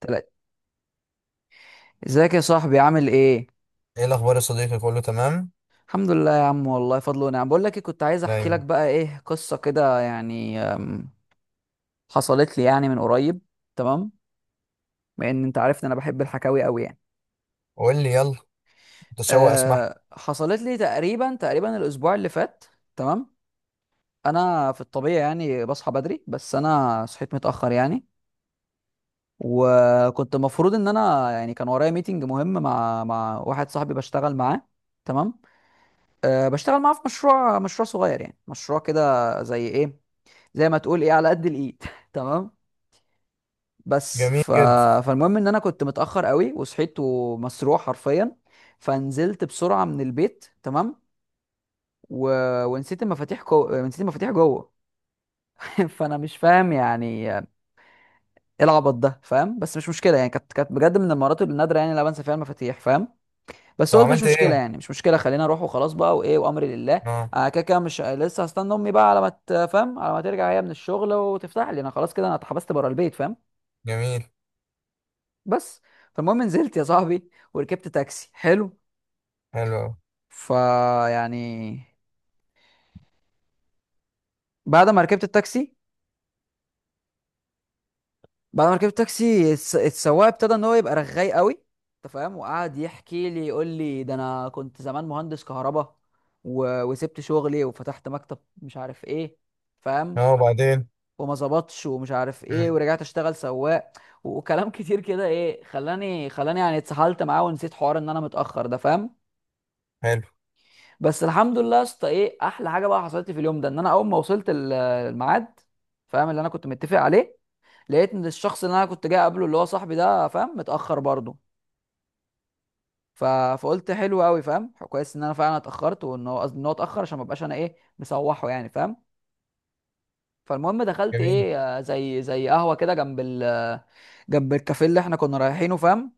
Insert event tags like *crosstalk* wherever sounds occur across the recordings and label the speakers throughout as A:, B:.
A: تلاتة. ازيك يا صاحبي، عامل ايه؟
B: ايه الاخبار يا صديقي، كله تمام؟
A: الحمد لله يا عم، والله فضل ونعم. بقول لك إيه، كنت عايز احكي لك
B: دايما.
A: بقى ايه قصة كده يعني، حصلت لي يعني من قريب. تمام. بما ان انت عارف ان انا بحب الحكاوي قوي يعني.
B: قول لي يلا. متشوق اسمع.
A: حصلت لي تقريبا الاسبوع اللي فات. تمام. انا في الطبيعي يعني بصحى بدري، بس انا صحيت متأخر يعني. وكنت المفروض ان انا يعني كان ورايا ميتنج مهم مع واحد صاحبي بشتغل معاه. تمام. بشتغل معاه في مشروع صغير، يعني مشروع كده زي ايه، زي ما تقول ايه، على قد الايد. *laughs* تمام. بس
B: جميل
A: ف...
B: جدا.
A: فالمهم ان انا كنت متاخر قوي، وصحيت ومسروح حرفيا. فنزلت بسرعه من البيت. تمام. و... ونسيت المفاتيح، نسيت المفاتيح جوه. *laughs* فانا مش فاهم يعني ايه العبط ده، فاهم؟ بس مش مشكله يعني، كانت بجد من المرات النادره يعني اللي أنا بنسى فيها المفاتيح، فاهم؟ بس
B: طب
A: قلت مش
B: عملت
A: مشكله
B: ايه؟
A: يعني، مش مشكله، خلينا اروح وخلاص بقى وايه، وامري لله.
B: اه.
A: آه كده كده، مش لسه هستنى امي بقى على ما تفهم، على ما ترجع هي من الشغل وتفتح لي؟ انا خلاص كده، انا اتحبست بره البيت، فاهم؟
B: جميل.
A: بس. فالمهم نزلت يا صاحبي وركبت تاكسي حلو.
B: حلو أوي.
A: فيعني، بعد ما ركبت التاكسي، بعد ما ركبت التاكسي، السواق ابتدى ان هو يبقى رغاي قوي، انت فاهم؟ وقعد يحكي لي، يقول لي ده انا كنت زمان مهندس كهرباء، وسبت شغلي وفتحت مكتب، مش عارف ايه، فاهم؟
B: اه، وبعدين؟
A: وما ظبطش ومش عارف ايه،
B: مم.
A: ورجعت اشتغل سواق. وكلام *laughs* كتير كده، ايه، خلاني يعني اتسحلت معاه ونسيت حوار ان انا متاخر ده، فاهم؟
B: حلو.
A: بس الحمد لله يا اسطى. ايه احلى حاجه بقى حصلت لي في اليوم ده، ان انا اول ما وصلت الميعاد، فاهم، اللي انا كنت متفق عليه، لقيت ان الشخص اللي انا كنت جاي قبله اللي هو صاحبي ده، فاهم، متاخر برضه. فقلت حلو قوي، فاهم، كويس ان انا فعلا اتاخرت وان هو، قصدي ان هو اتاخر عشان ما ابقاش انا ايه مسوحه يعني، فاهم؟ فالمهم دخلت
B: جميل.
A: ايه، زي قهوه كده، جنب ال آه، جنب الكافيه اللي احنا كنا رايحينه، فاهم؟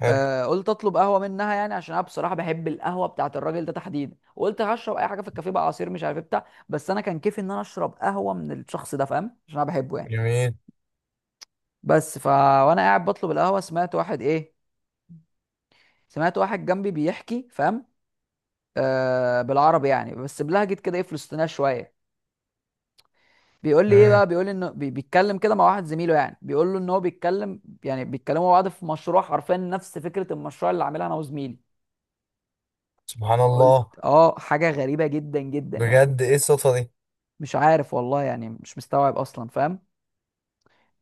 B: حلو.
A: قلت اطلب قهوه منها، يعني عشان انا بصراحه بحب القهوه بتاعت الراجل ده تحديدا. وقلت هشرب اي حاجه في الكافيه بقى، عصير مش عارف إيه بتاع، بس انا كان كيفي ان انا اشرب قهوه من الشخص ده، فاهم، عشان انا بحبه يعني.
B: جميل.
A: بس ف وانا قاعد بطلب القهوه، سمعت واحد ايه، سمعت واحد جنبي بيحكي، فاهم؟ بالعربي يعني، بس بلهجه كده ايه، فلسطينيه شويه. بيقول لي ايه
B: مم.
A: بقى، بيقول لي انه بيتكلم كده مع واحد زميله، يعني بيقول له ان هو بيتكلم، يعني بيتكلموا مع بعض في مشروع حرفيا نفس فكره المشروع اللي عاملها انا وزميلي.
B: سبحان
A: فقلت
B: الله.
A: اه، حاجه غريبه جدا جدا يعني.
B: بجد، ايه الصدفه دي؟
A: مش عارف والله، يعني مش مستوعب اصلا، فاهم؟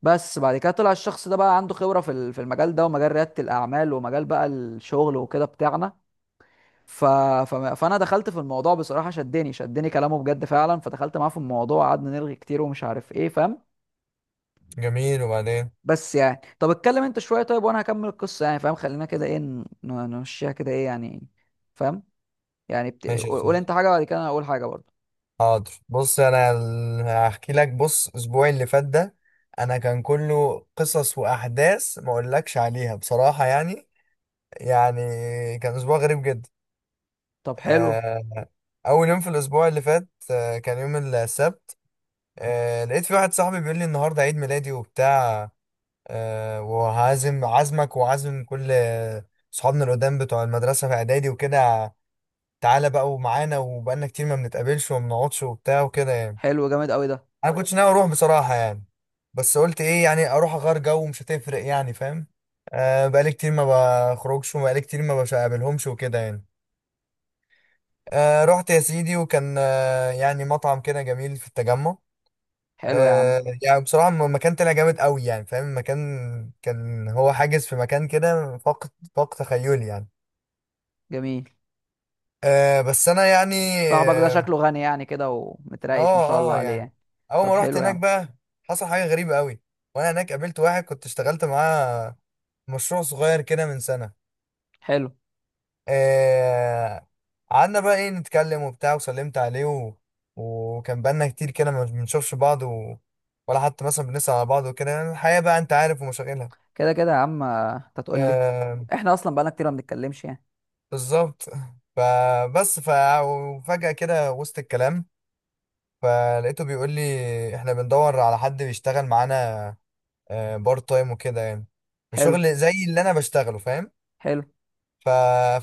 A: بس بعد كده طلع الشخص ده بقى عنده خبره في في المجال ده، ومجال رياده الاعمال، ومجال بقى الشغل وكده بتاعنا. ف... فانا دخلت في الموضوع بصراحه، شدني كلامه بجد فعلا. فدخلت معاه في الموضوع، قعدنا نلغي كتير ومش عارف ايه، فاهم؟
B: جميل، وبعدين؟
A: بس يعني طب اتكلم انت شويه طيب، وانا هكمل القصه يعني، فاهم؟ خلينا كده ايه نمشيها كده ايه يعني، فاهم؟ يعني
B: ماشي يا
A: قول، قول
B: سيدي.
A: انت حاجه بعد كده انا اقول حاجه برضه.
B: حاضر، بص انا هحكي لك. بص اسبوعي اللي فات ده، انا كان كله قصص واحداث ما اقولكش عليها بصراحه، يعني، يعني كان اسبوع غريب جدا.
A: طب حلو.
B: آه، أول يوم في الأسبوع اللي فات كان يوم السبت. لقيت في واحد صاحبي بيقول لي النهاردة عيد ميلادي وبتاع، وهعزم عزمك وعزم كل صحابنا القدام بتوع المدرسة في إعدادي وكده. تعالى بقى ومعانا، وبقالنا كتير ما بنتقابلش وما بنقعدش وبتاع وكده، يعني.
A: حلو جامد قوي ده.
B: أنا كنتش ناوي أروح بصراحة، يعني. بس قلت إيه، يعني أروح أغير جو ومش هتفرق، يعني، فاهم. بقالي كتير ما بخرجش، وبقالي كتير ما بقابلهمش وكده، يعني. رحت يا سيدي، وكان يعني مطعم كده جميل في التجمع.
A: حلو يا عم.
B: يعني بصراحة المكان طلع جامد قوي، يعني، فاهم، المكان كان هو حاجز في مكان كده فوق، فوق، تخيلي يعني.
A: جميل.
B: بس أنا يعني،
A: صاحبك ده شكله غني يعني كده
B: اه،
A: ومتريش ما شاء
B: اه.
A: الله عليه
B: يعني
A: يعني.
B: أول
A: طب
B: ما رحت
A: حلو يا
B: هناك
A: عم.
B: بقى حصل حاجة غريبة قوي. وأنا هناك قابلت واحد كنت اشتغلت معاه مشروع صغير كده من سنة.
A: حلو.
B: آه قعدنا بقى ايه نتكلم وبتاع، وسلمت عليه، و... وكان بقالنا كتير كده ما بنشوفش بعض، و... ولا حتى مثلا بنسأل على بعض وكده، يعني الحياة بقى انت عارف ومشاغلها.
A: كده كده يا عم، انت تقول لي.
B: آه
A: احنا اصلا بقالنا كتير ما بنتكلمش يعني.
B: بالظبط. *laughs* فبس. وفجأة كده وسط الكلام، فلقيته بيقول لي احنا بندور على حد بيشتغل معانا، بارت تايم وكده، يعني، في
A: حلو.
B: شغل زي اللي انا بشتغله، فاهم.
A: حلو.
B: ف...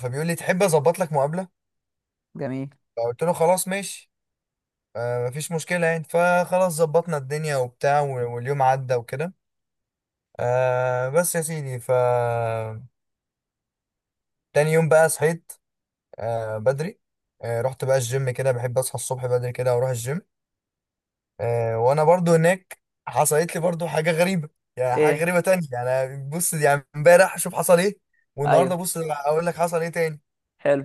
B: فبيقول لي تحب اظبط لك مقابلة؟
A: جميل.
B: فقلت له خلاص ماشي. مفيش مشكلة، يعني فخلاص ظبطنا الدنيا وبتاع واليوم عدى وكده. بس يا سيدي، تاني يوم بقى صحيت، بدري. رحت بقى الجيم، كده بحب اصحى الصبح بدري كده واروح الجيم. وانا برضو هناك حصلت لي برضو حاجة غريبة، يعني حاجة
A: ايه.
B: غريبة تانية. يعني بص، يعني امبارح شوف حصل ايه، والنهارده
A: ايوه.
B: بص اقول لك حصل ايه تاني.
A: حلو.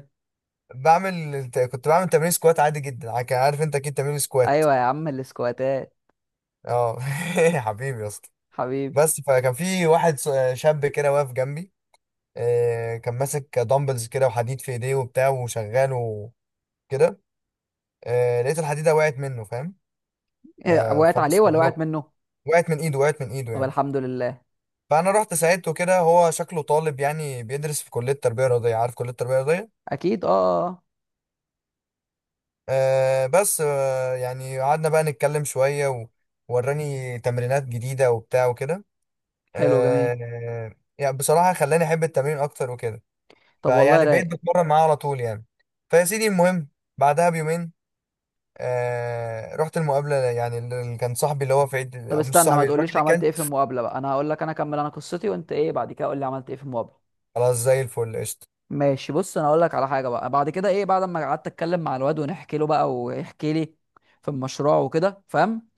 B: كنت بعمل تمرين سكوات عادي جدا، عارف انت اكيد تمرين سكوات.
A: ايوه يا عم، الاسكواتات.
B: اه، *laughs* يا حبيبي يا اسطى.
A: حبيبي.
B: بس فكان في واحد شاب كده واقف جنبي. كان ماسك دمبلز كده وحديد في ايديه وبتاع وشغال وكده. لقيت الحديده وقعت منه، فاهم.
A: إيه، وقعت
B: فانا
A: عليه ولا وقعت
B: استغربت،
A: منه؟
B: وقعت من ايده، وقعت من ايده،
A: طب
B: يعني.
A: الحمد لله.
B: فانا رحت ساعدته كده، هو شكله طالب يعني بيدرس في كليه تربيه رياضيه، عارف كليه تربيه رياضيه؟
A: اكيد. اه. آه. آه.
B: بس يعني قعدنا بقى نتكلم شويه، ووراني تمرينات جديده وبتاع وكده.
A: حلو جميل.
B: آه، يعني بصراحه خلاني احب التمرين اكتر وكده.
A: طب والله
B: فيعني بقيت
A: رايق.
B: بتمرن معاه على طول، يعني. فيا سيدي المهم، بعدها بيومين رحت المقابلة، يعني اللي كان صاحبي اللي هو في عيد،
A: طب
B: أو مش
A: استنى ما
B: صاحبي، الراجل
A: تقوليش
B: اللي كان،
A: عملت ايه في المقابله بقى، انا هقول لك، انا اكمل انا قصتي وانت ايه بعد كده قول لي عملت ايه في المقابله.
B: خلاص، زي الفل قشطة.
A: ماشي. بص انا اقول لك على حاجه بقى، بعد كده ايه، بعد ما قعدت اتكلم مع الواد، ونحكي له بقى ويحكي لي في المشروع وكده، فاهم؟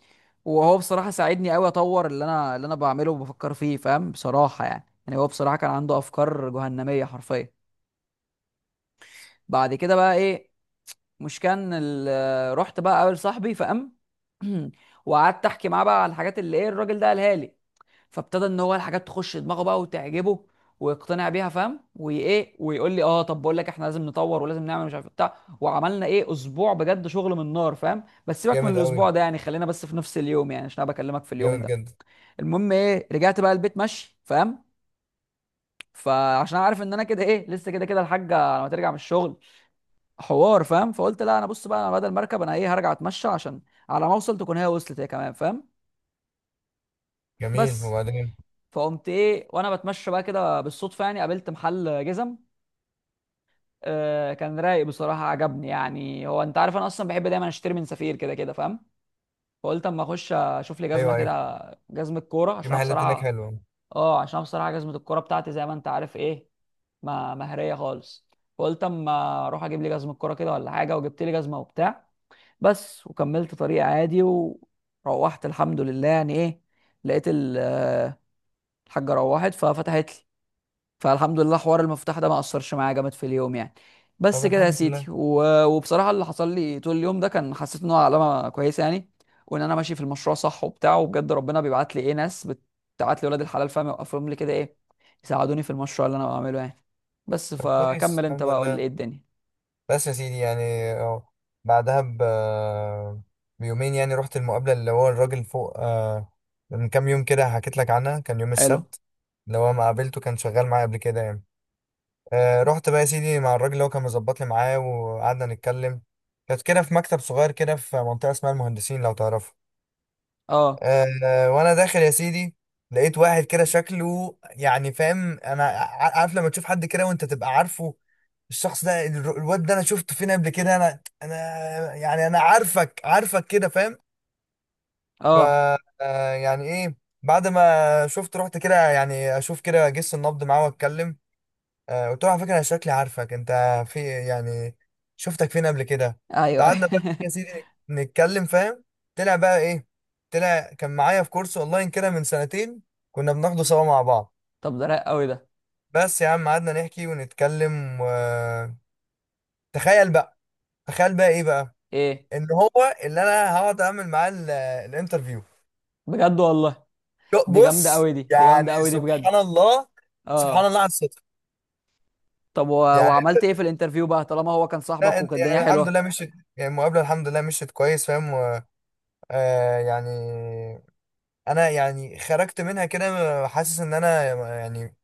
A: وهو بصراحه ساعدني قوي اطور اللي انا بعمله وبفكر فيه، فاهم؟ بصراحه يعني هو بصراحه كان عنده افكار جهنميه حرفيا. بعد كده بقى ايه، مش كان ال- رحت بقى اقابل صاحبي فقام، *clears throat* وقعدت احكي معاه بقى على الحاجات اللي ايه الراجل ده قالها لي. فابتدى ان هو الحاجات تخش دماغه بقى وتعجبه ويقتنع بيها، فاهم؟ وايه، ويقول لي اه طب بقول لك احنا لازم نطور ولازم نعمل مش عارف إيه بتاع، وعملنا ايه اسبوع بجد شغل من نار، فاهم؟ بس سيبك
B: جامد
A: من
B: أوي،
A: الاسبوع ده يعني، خلينا بس في نفس اليوم يعني، عشان انا بكلمك في اليوم
B: جامد
A: ده.
B: جدا.
A: المهم ايه، رجعت بقى البيت ماشي، فاهم؟ فعشان أنا عارف ان انا كده ايه، لسه كده كده الحاجه لما ترجع من الشغل حوار، فاهم؟ فقلت لا، انا بص بقى، انا بدل مركب، انا ايه هرجع اتمشى، عشان على ما اوصل تكون هي وصلت هي كمان، فاهم؟
B: جميل،
A: بس.
B: وبعدين؟
A: فقمت ايه، وانا بتمشى بقى كده بالصدفه يعني قابلت محل جزم. كان رايق بصراحه، عجبني يعني، هو انت عارف انا اصلا بحب دايما اشتري من سفير كده كده، فاهم؟ فقلت اما اخش اشوف لي جزمه
B: أيوه، أيوه.
A: كده، جزمه كوره
B: في
A: عشان انا
B: محلات هناك
A: بصراحه.
B: حلوة.
A: اه عشان انا بصراحه جزمه الكوره بتاعتي زي ما انت عارف ايه، ما مهريه خالص. فقلت اما اروح اجيب لي جزمه كوره كده ولا حاجه، وجبت لي جزمه وبتاع. بس. وكملت طريق عادي، وروحت الحمد لله يعني ايه، لقيت الحاجه، روحت ففتحت لي. فالحمد لله، حوار المفتاح ده ما اثرش معايا جامد في اليوم يعني.
B: طب
A: بس كده يا
B: الحمد
A: سيدي.
B: لله.
A: و- وبصراحه اللي حصل لي طول اليوم ده، كان حسيت ان هو علامه كويسه يعني، وان انا ماشي في المشروع صح وبتاع، وبجد ربنا بيبعت لي ايه، ناس بتبعت لي ولاد الحلال، فاهم، يوقفهم لي كده ايه يساعدوني في المشروع اللي انا بعمله يعني. بس.
B: طب كويس،
A: فكمل انت
B: الحمد
A: بقى، قول لي
B: لله.
A: ايه الدنيا.
B: بس يا سيدي، يعني، أهو. بعدها بيومين، يعني رحت المقابلة اللي هو الراجل فوق، من كام يوم كده حكيت لك عنها، كان يوم
A: حلو.
B: السبت، اللي هو ما قابلته، كان شغال معايا قبل كده، يعني. رحت بقى يا سيدي مع الراجل اللي هو كان مظبط لي معاه، وقعدنا نتكلم. كانت كده في مكتب صغير كده، في منطقة اسمها المهندسين، لو تعرفها.
A: اه.
B: وانا داخل يا سيدي، لقيت واحد كده شكله، يعني، فاهم، انا عارف لما تشوف حد كده وانت تبقى عارفه الشخص ده، الواد ده انا شفته فين قبل كده، انا يعني انا عارفك عارفك كده، فاهم. ف
A: اه.
B: يعني ايه، بعد ما شفت رحت كده، يعني اشوف كده جس النبض معاه واتكلم. قلت له على فكره، انا شكلي عارفك انت، في يعني شفتك فين قبل كده؟
A: ايوه.
B: فقعدنا بقى يا سيدي نتكلم، فاهم. طلع بقى ايه؟ طلع كان معايا في كورس اونلاين كده من سنتين، كنا بناخده سوا مع بعض.
A: *laughs* طب ده رايق قوي ده.
B: بس يا عم قعدنا نحكي ونتكلم، تخيل بقى، تخيل بقى ايه بقى،
A: ايه
B: ان هو اللي انا هقعد اعمل معاه الانترفيو.
A: بجد والله، دي جامده
B: بص
A: قوي دي جامده
B: يعني
A: قوي دي
B: سبحان
A: بجد.
B: الله، سبحان
A: اه.
B: الله على الصدفه.
A: طب
B: يعني
A: وعملت ايه في الانترفيو بقى، طالما هو كان
B: لا،
A: صاحبك وكانت الدنيا
B: يعني الحمد
A: حلوه؟
B: لله مشيت، يعني المقابله الحمد لله مشيت كويس، فاهم. يعني انا، يعني، خرجت منها كده حاسس ان انا، يعني،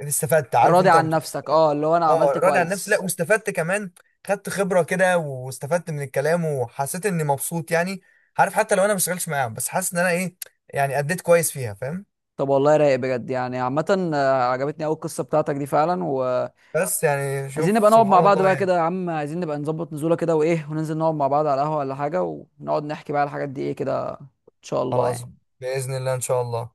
B: استفدت. عارف
A: راضي
B: انت لما
A: عن
B: تبقى-
A: نفسك، اه، اللي هو انا
B: اه،
A: عملت
B: راضي عن نفسي، لا
A: كويس.
B: واستفدت كمان، خدت خبرة كده، واستفدت من الكلام، وحسيت اني مبسوط، يعني. عارف حتى لو انا ما بشتغلش معاهم، بس حاسس ان انا ايه، يعني اديت كويس فيها، فاهم.
A: طب والله رايق بجد يعني. عامة عجبتني قوي القصة بتاعتك دي فعلا، وعايزين
B: بس يعني شوف،
A: نبقى نقعد مع
B: سبحان
A: بعض
B: الله،
A: بقى كده
B: يعني
A: يا عم، عايزين نبقى نظبط نزولة كده وايه، وننزل نقعد مع بعض على القهوة ولا حاجة، ونقعد نحكي بقى على الحاجات دي ايه كده ان شاء الله
B: خلاص،
A: يعني.
B: بإذن الله ان شاء الله.